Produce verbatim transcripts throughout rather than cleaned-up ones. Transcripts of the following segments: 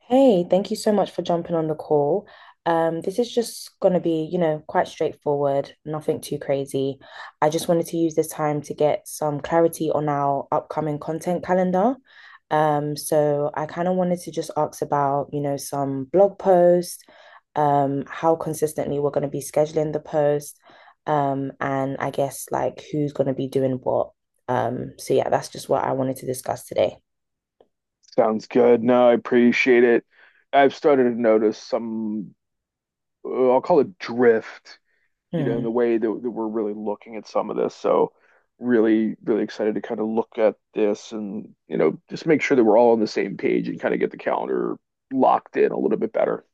Hey, thank you so much for jumping on the call. Um, this is just going to be, you know, quite straightforward, nothing too crazy. I just wanted to use this time to get some clarity on our upcoming content calendar. Um, so I kind of wanted to just ask about, you know, some blog posts, um, how consistently we're going to be scheduling the post, um, and I guess like who's going to be doing what. Um, so yeah, that's just what I wanted to discuss today. Sounds good. No, I appreciate it. I've started to notice some, uh, I'll call it drift, you know, in Hmm. the way that, that we're really looking at some of this. So, really, really excited to kind of look at this and, you know, just make sure that we're all on the same page and kind of get the calendar locked in a little bit better.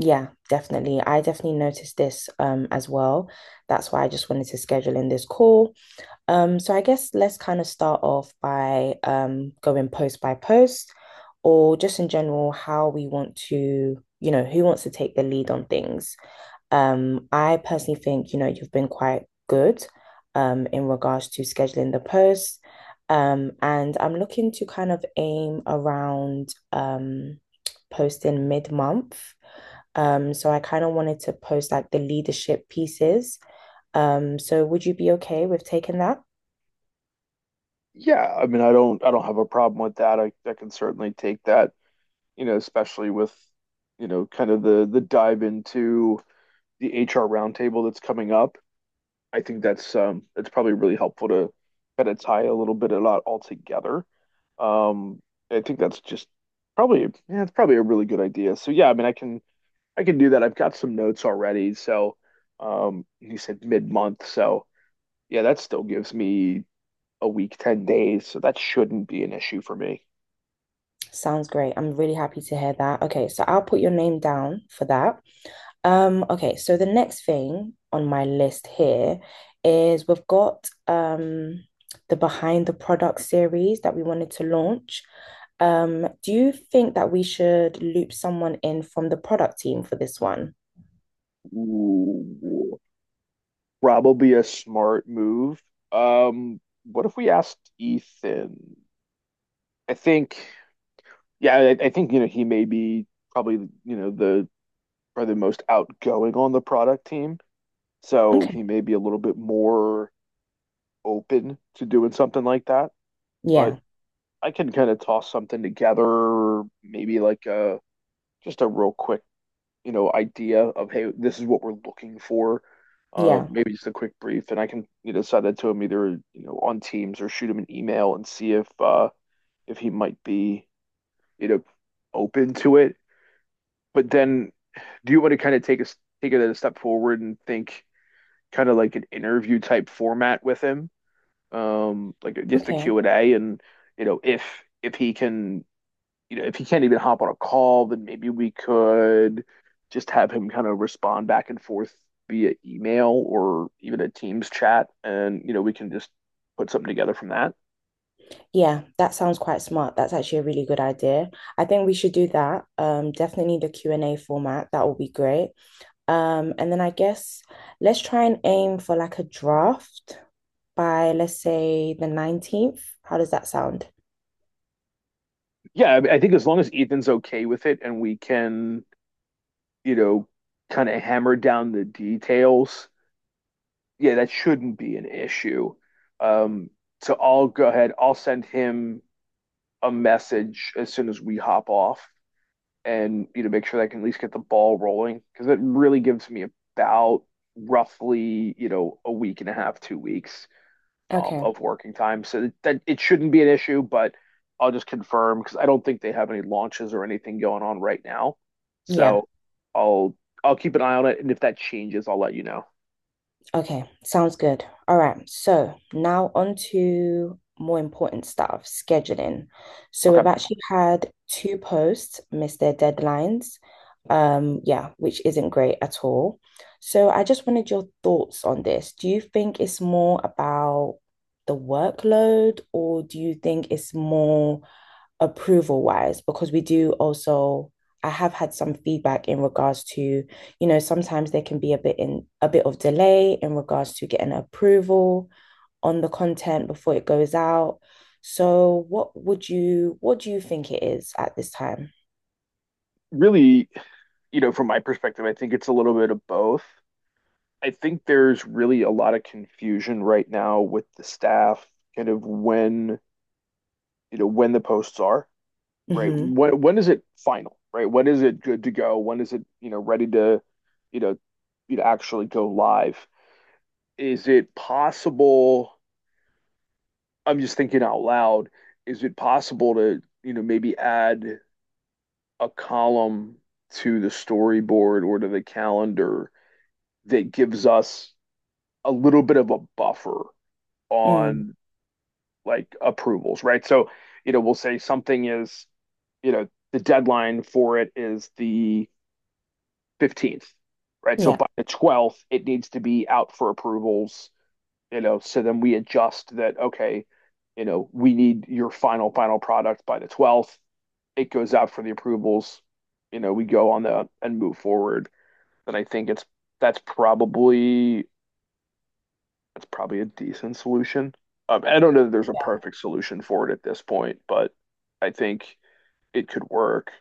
Yeah, definitely. I definitely noticed this um as well. That's why I just wanted to schedule in this call. Um, so I guess let's kind of start off by um going post by post or just in general how we want to, you know, who wants to take the lead on things. Um, I personally think, you know, you've been quite good um in regards to scheduling the post. Um, and I'm looking to kind of aim around um posting mid-month, um, so I kind of wanted to post like the leadership pieces. Um, so would you be okay with taking that? Yeah, I mean, I don't, I don't have a problem with that. I, I can certainly take that, you know, especially with, you know, kind of the the dive into the H R roundtable that's coming up. I think that's um it's probably really helpful to kind of tie a little bit of that all together. Um, I think that's just probably yeah, it's probably a really good idea. So yeah, I mean, I can I can do that. I've got some notes already. So um, you said mid-month, so yeah, that still gives me a week, ten days. So that shouldn't be an issue for me. Sounds great. I'm really happy to hear that. Okay, so I'll put your name down for that. Um, okay, so the next thing on my list here is we've got um the Behind the Product series that we wanted to launch. Um, do you think that we should loop someone in from the product team for this one? Ooh, probably a smart move. Um, what if we asked Ethan? I think. Yeah, I, I think you know he may be probably you know the probably the most outgoing on the product team, so Okay. he may be a little bit more open to doing something like that. But Yeah, I can kind of toss something together, maybe like a just a real quick you know idea of hey, this is what we're looking for. Uh, yeah. maybe just a quick brief, and I can you know send it to him either you know on Teams or shoot him an email and see if uh, if he might be you know open to it. But then do you want to kind of take a take it a step forward and think kind of like an interview type format with him, um, like just a Okay. Q and A, and you know if if he can, you know, if he can't even hop on a call, then maybe we could just have him kind of respond back and forth via email or even a Teams chat, and you know we can just put something together from that. Yeah, that sounds quite smart. That's actually a really good idea. I think we should do that. Um, definitely the Q and A format. That will be great. Um, and then I guess let's try and aim for like a draft by let's say the nineteenth. How does that sound? Yeah, I, mean, I think as long as Ethan's okay with it, and we can, you know, kind of hammer down the details yeah, that shouldn't be an issue. Um, so I'll go ahead. I'll send him a message as soon as we hop off, and you know, make sure that I can at least get the ball rolling because it really gives me about roughly you know a week and a half, two weeks um, Okay. of working time. So that, that it shouldn't be an issue, but I'll just confirm because I don't think they have any launches or anything going on right now. Yeah. So I'll I'll keep an eye on it, and if that changes, I'll let you know. Okay, sounds good. All right, so now on to more important stuff, scheduling. So we've Okay. actually had two posts miss their deadlines. Um, yeah, which isn't great at all. So I just wanted your thoughts on this. Do you think it's more about the workload, or do you think it's more approval wise because we do also I have had some feedback in regards to, you know, sometimes there can be a bit in a bit of delay in regards to getting approval on the content before it goes out. So what would you what do you think it is at this time? Really, you know, from my perspective, I think it's a little bit of both. I think there's really a lot of confusion right now with the staff, kind of when, you know, when the posts are, right? Mm-hmm. When when is it final, right? When is it good to go? When is it, you know, ready to, you know, you know, actually go live? Is it possible? I'm just thinking out loud. Is it possible to, you know, maybe add a column to the storyboard or to the calendar that gives us a little bit of a buffer Mm. on like approvals, right? So, you know, we'll say something is, you know, the deadline for it is the fifteenth, right? So Yeah. by the twelfth, it needs to be out for approvals, you know, so then we adjust that, okay, you know, we need your final, final product by the twelfth. It goes out for the approvals, you know, we go on the and move forward. And I think it's that's probably that's probably a decent solution. Um, I don't know that there's a perfect solution for it at this point, but I think it could work.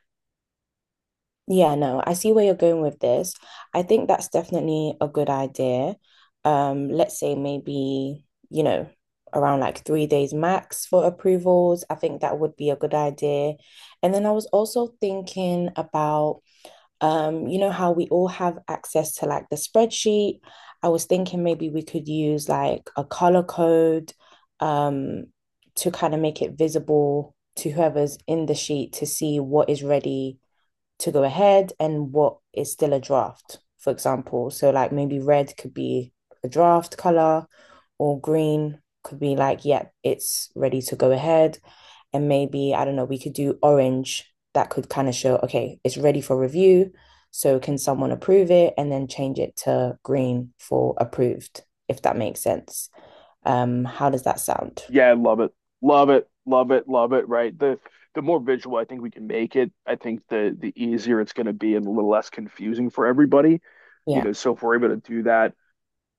Yeah, no, I see where you're going with this. I think that's definitely a good idea. Um, let's say maybe, you know, around like three days max for approvals. I think that would be a good idea. And then I was also thinking about, um, you know, how we all have access to like the spreadsheet. I was thinking maybe we could use like a color code, um, to kind of make it visible to whoever's in the sheet to see what is ready to go ahead and what is still a draft, for example. So, like, maybe red could be a draft color or green could be like, yeah, it's ready to go ahead. And maybe, I don't know, we could do orange that could kind of show, okay, it's ready for review. So, can someone approve it and then change it to green for approved, if that makes sense? Um, how does that sound? Yeah, I love it. Love it. Love it. Love it. Right. The the more visual I think we can make it, I think the the easier it's going to be and a little less confusing for everybody. You Yeah. know, so if we're able to do that,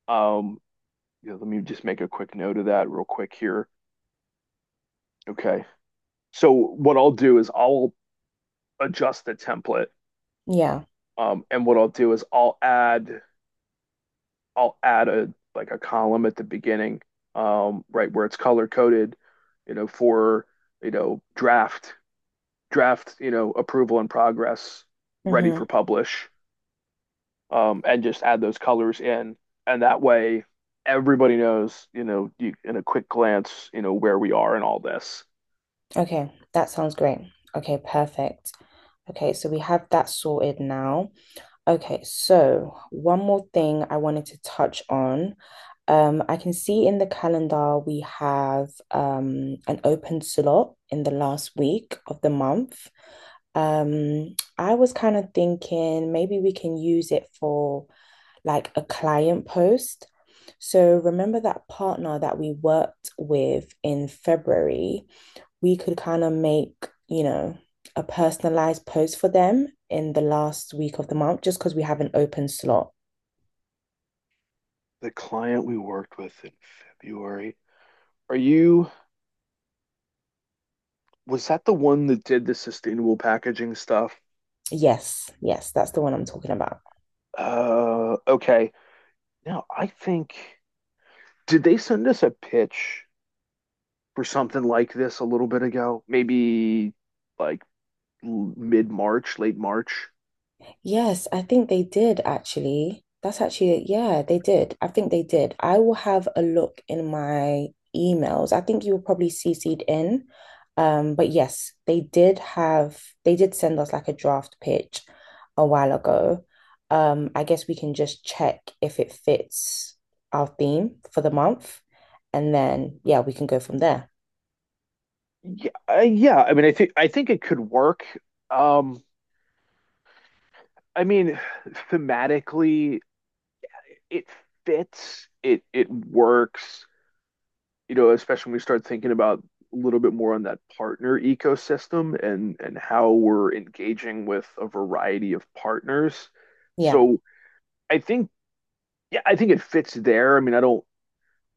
um, you know, let me just make a quick note of that real quick here. Okay. So what I'll do is I'll adjust the template. Yeah. Um, and what I'll do is I'll add I'll add a like a column at the beginning, um, right where it's color coded, you know, for, you know, draft, draft, you know, approval and progress, ready Hmm. for publish, um, and just add those colors in. And that way everybody knows, you know, you in a quick glance, you know, where we are in all this. Okay, that sounds great. Okay, perfect. Okay, so we have that sorted now. Okay, so one more thing I wanted to touch on. Um, I can see in the calendar we have um an open slot in the last week of the month. Um, I was kind of thinking maybe we can use it for like a client post. So remember that partner that we worked with in February? We could kind of make, you know, a personalized post for them in the last week of the month just because we have an open slot. The client we worked with in February. Are you, was that the one that did the sustainable packaging stuff? Yes, yes, that's the one I'm talking about. Uh, okay. Now I think did they send us a pitch for something like this a little bit ago? Maybe like mid-March, late March. Yes, I think they did actually. That's actually, yeah, they did. I think they did. I will have a look in my emails. I think you were probably C C'd in. Um, but yes, they did have, they did send us like a draft pitch a while ago. Um, I guess we can just check if it fits our theme for the month. And then, yeah, we can go from there. Yeah, uh, yeah. I mean, I think I think it could work. Um, I mean, thematically, it fits. It it works. You know, especially when we start thinking about a little bit more on that partner ecosystem and and how we're engaging with a variety of partners. Yeah. So I think, yeah, I think it fits there. I mean, I don't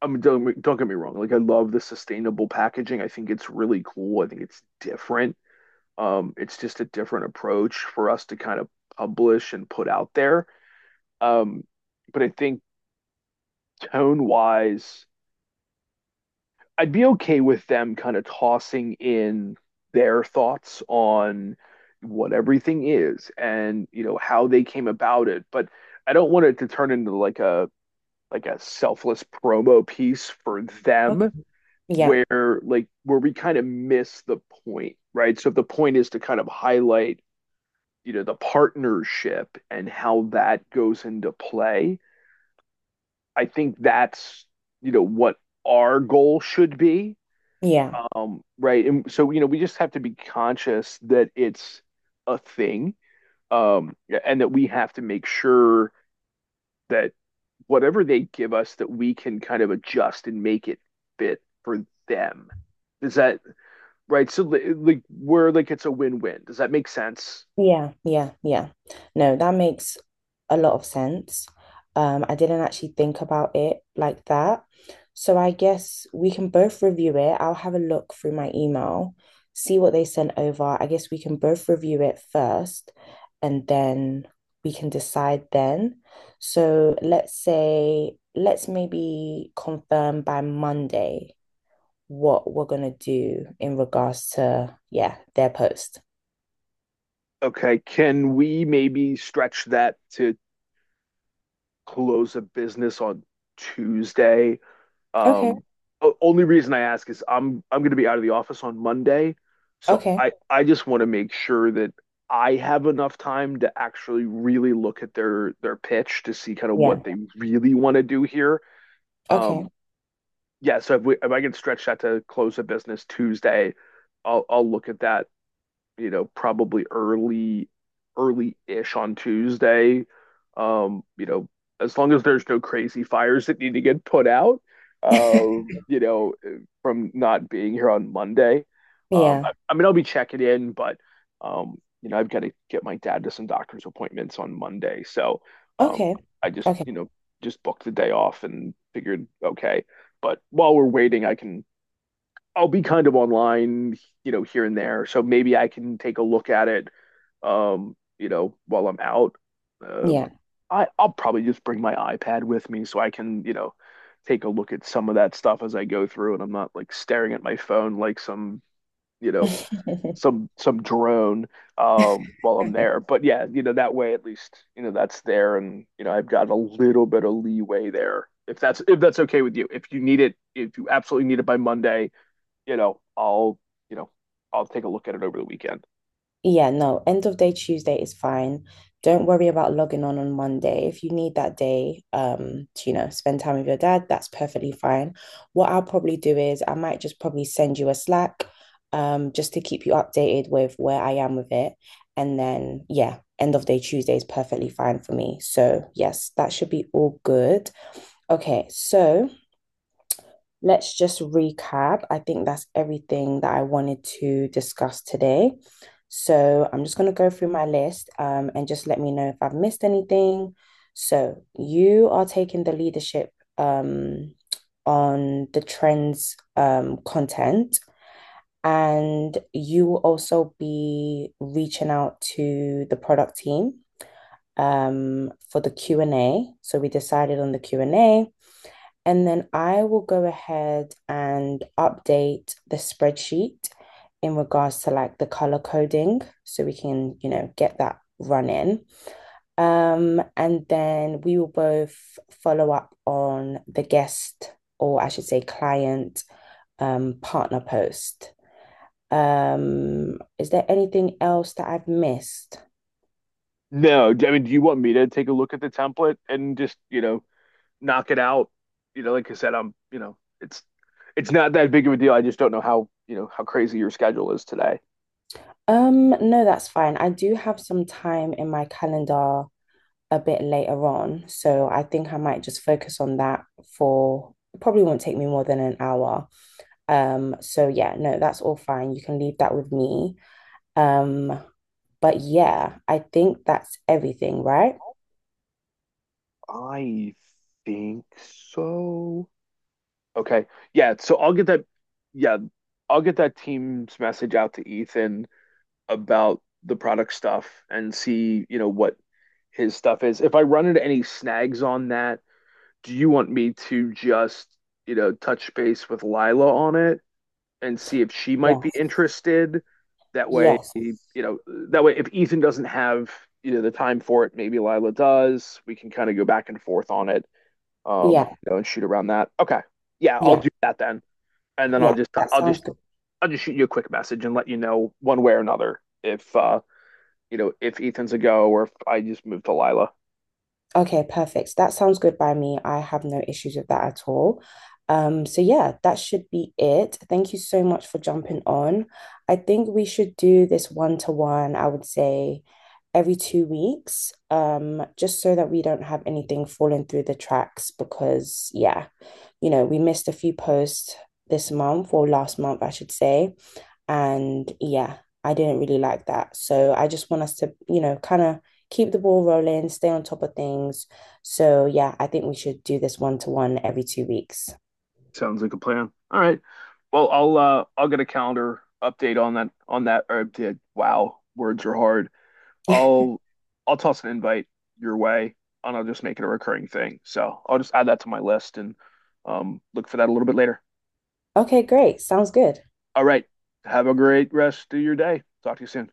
I mean, don't don't get me wrong. Like I love the sustainable packaging. I think it's really cool. I think it's different. Um, it's just a different approach for us to kind of publish and put out there. Um, but I think tone wise, I'd be okay with them kind of tossing in their thoughts on what everything is and you know how they came about it. But I don't want it to turn into like a like a selfless promo piece for Okay. them Yeah. where like where we kind of miss the point, right? So if the point is to kind of highlight, you know, the partnership and how that goes into play, I think that's, you know, what our goal should be. Yeah. Um, right. And so, you know, we just have to be conscious that it's a thing, um, and that we have to make sure that whatever they give us that we can kind of adjust and make it fit for them. Does that Right? So like we're like it's a win-win. Does that make sense? Yeah, yeah, yeah. No, that makes a lot of sense. Um, I didn't actually think about it like that. So I guess we can both review it. I'll have a look through my email, see what they sent over. I guess we can both review it first and then we can decide then. So let's say, let's maybe confirm by Monday what we're gonna do in regards to, yeah, their post. Okay, can we maybe stretch that to close a business on Tuesday? Okay, Um, only reason I ask is I'm I'm going to be out of the office on Monday, so okay. I I just want to make sure that I have enough time to actually really look at their their pitch to see kind of Yeah. what they really want to do here. Okay. Um, yeah, so if we if I can stretch that to close a business Tuesday, I'll I'll look at that you know, probably early, early-ish on Tuesday. Um, you know, as long as there's no crazy fires that need to get put out, um, you know, from not being here on Monday. Um, Yeah. I, I mean, I'll be checking in, but um, you know, I've got to get my dad to some doctor's appointments on Monday, so um, Okay. I just, Okay. you know, just booked the day off and figured, okay. But while we're waiting, I can I'll be kind of online, you know, here and there. So maybe I can take a look at it, um, you know, while I'm out. Um, Yeah. I I'll probably just bring my iPad with me so I can, you know, take a look at some of that stuff as I go through, and I'm not like staring at my phone like some, you know, some some drone um, while I'm there. But yeah, you know, that way at least, you know, that's there, and you know, I've got a little bit of leeway there. If that's if that's okay with you, if you need it, if you absolutely need it by Monday you know, I'll, you know, I'll take a look at it over the weekend. Yeah, no, end of day Tuesday is fine. Don't worry about logging on on Monday. If you need that day, um, to, you know, spend time with your dad, that's perfectly fine. What I'll probably do is I might just probably send you a Slack, um, just to keep you updated with where I am with it. And then, yeah, end of day Tuesday is perfectly fine for me. So, yes, that should be all good. Okay, so, let's just recap. I think that's everything that I wanted to discuss today. So I'm just going to go through my list, um, and just let me know if I've missed anything. So you are taking the leadership, um, on the trends um, content, and you will also be reaching out to the product team, um, for the Q and A. So we decided on the Q and A, and then I will go ahead and update the spreadsheet in regards to like the color coding so we can, you know, get that running. Um, and then we will both follow up on the guest, or I should say, client, um, partner post. Um, is there anything else that I've missed? No, I mean, do you want me to take a look at the template and just, you know, knock it out? You know, like I said, I'm, you know, it's it's not that big of a deal. I just don't know how, you know, how crazy your schedule is today. Um, no, that's fine. I do have some time in my calendar a bit later on. So I think I might just focus on that for it probably won't take me more than an hour. Um, so yeah, no, that's all fine. You can leave that with me. Um, but yeah, I think that's everything, right? I think so. Okay. Yeah, so I'll get that yeah, I'll get that team's message out to Ethan about the product stuff and see, you know, what his stuff is. If I run into any snags on that, do you want me to just, you know, touch base with Lila on it and see if she might be Yes. interested? That way, Yes. you know, that way if Ethan doesn't have, you know, the time for it, maybe Lila does. We can kind of go back and forth on it, um, Yeah. you know, and shoot around that. Okay. Yeah, I'll Yeah. do that then. And then I'll Yeah. just That I'll sounds just good. I'll just shoot you a quick message and let you know one way or another if uh, you know, if Ethan's a go or if I just move to Lila. Okay, perfect. That sounds good by me. I have no issues with that at all. Um, so yeah, that should be it. Thank you so much for jumping on. I think we should do this one to one, I would say every two weeks, um, just so that we don't have anything falling through the tracks because yeah, you know, we missed a few posts this month or last month, I should say. And yeah, I didn't really like that. So I just want us to, you know, kind of keep the ball rolling, stay on top of things. So yeah, I think we should do this one to one every two weeks. Sounds like a plan. All right. Well, I'll uh I'll get a calendar update on that on that or update. Wow, words are hard. I'll I'll toss an invite your way and I'll just make it a recurring thing. So I'll just add that to my list and um look for that a little bit later. Okay, great. Sounds good. All right. Have a great rest of your day. Talk to you soon.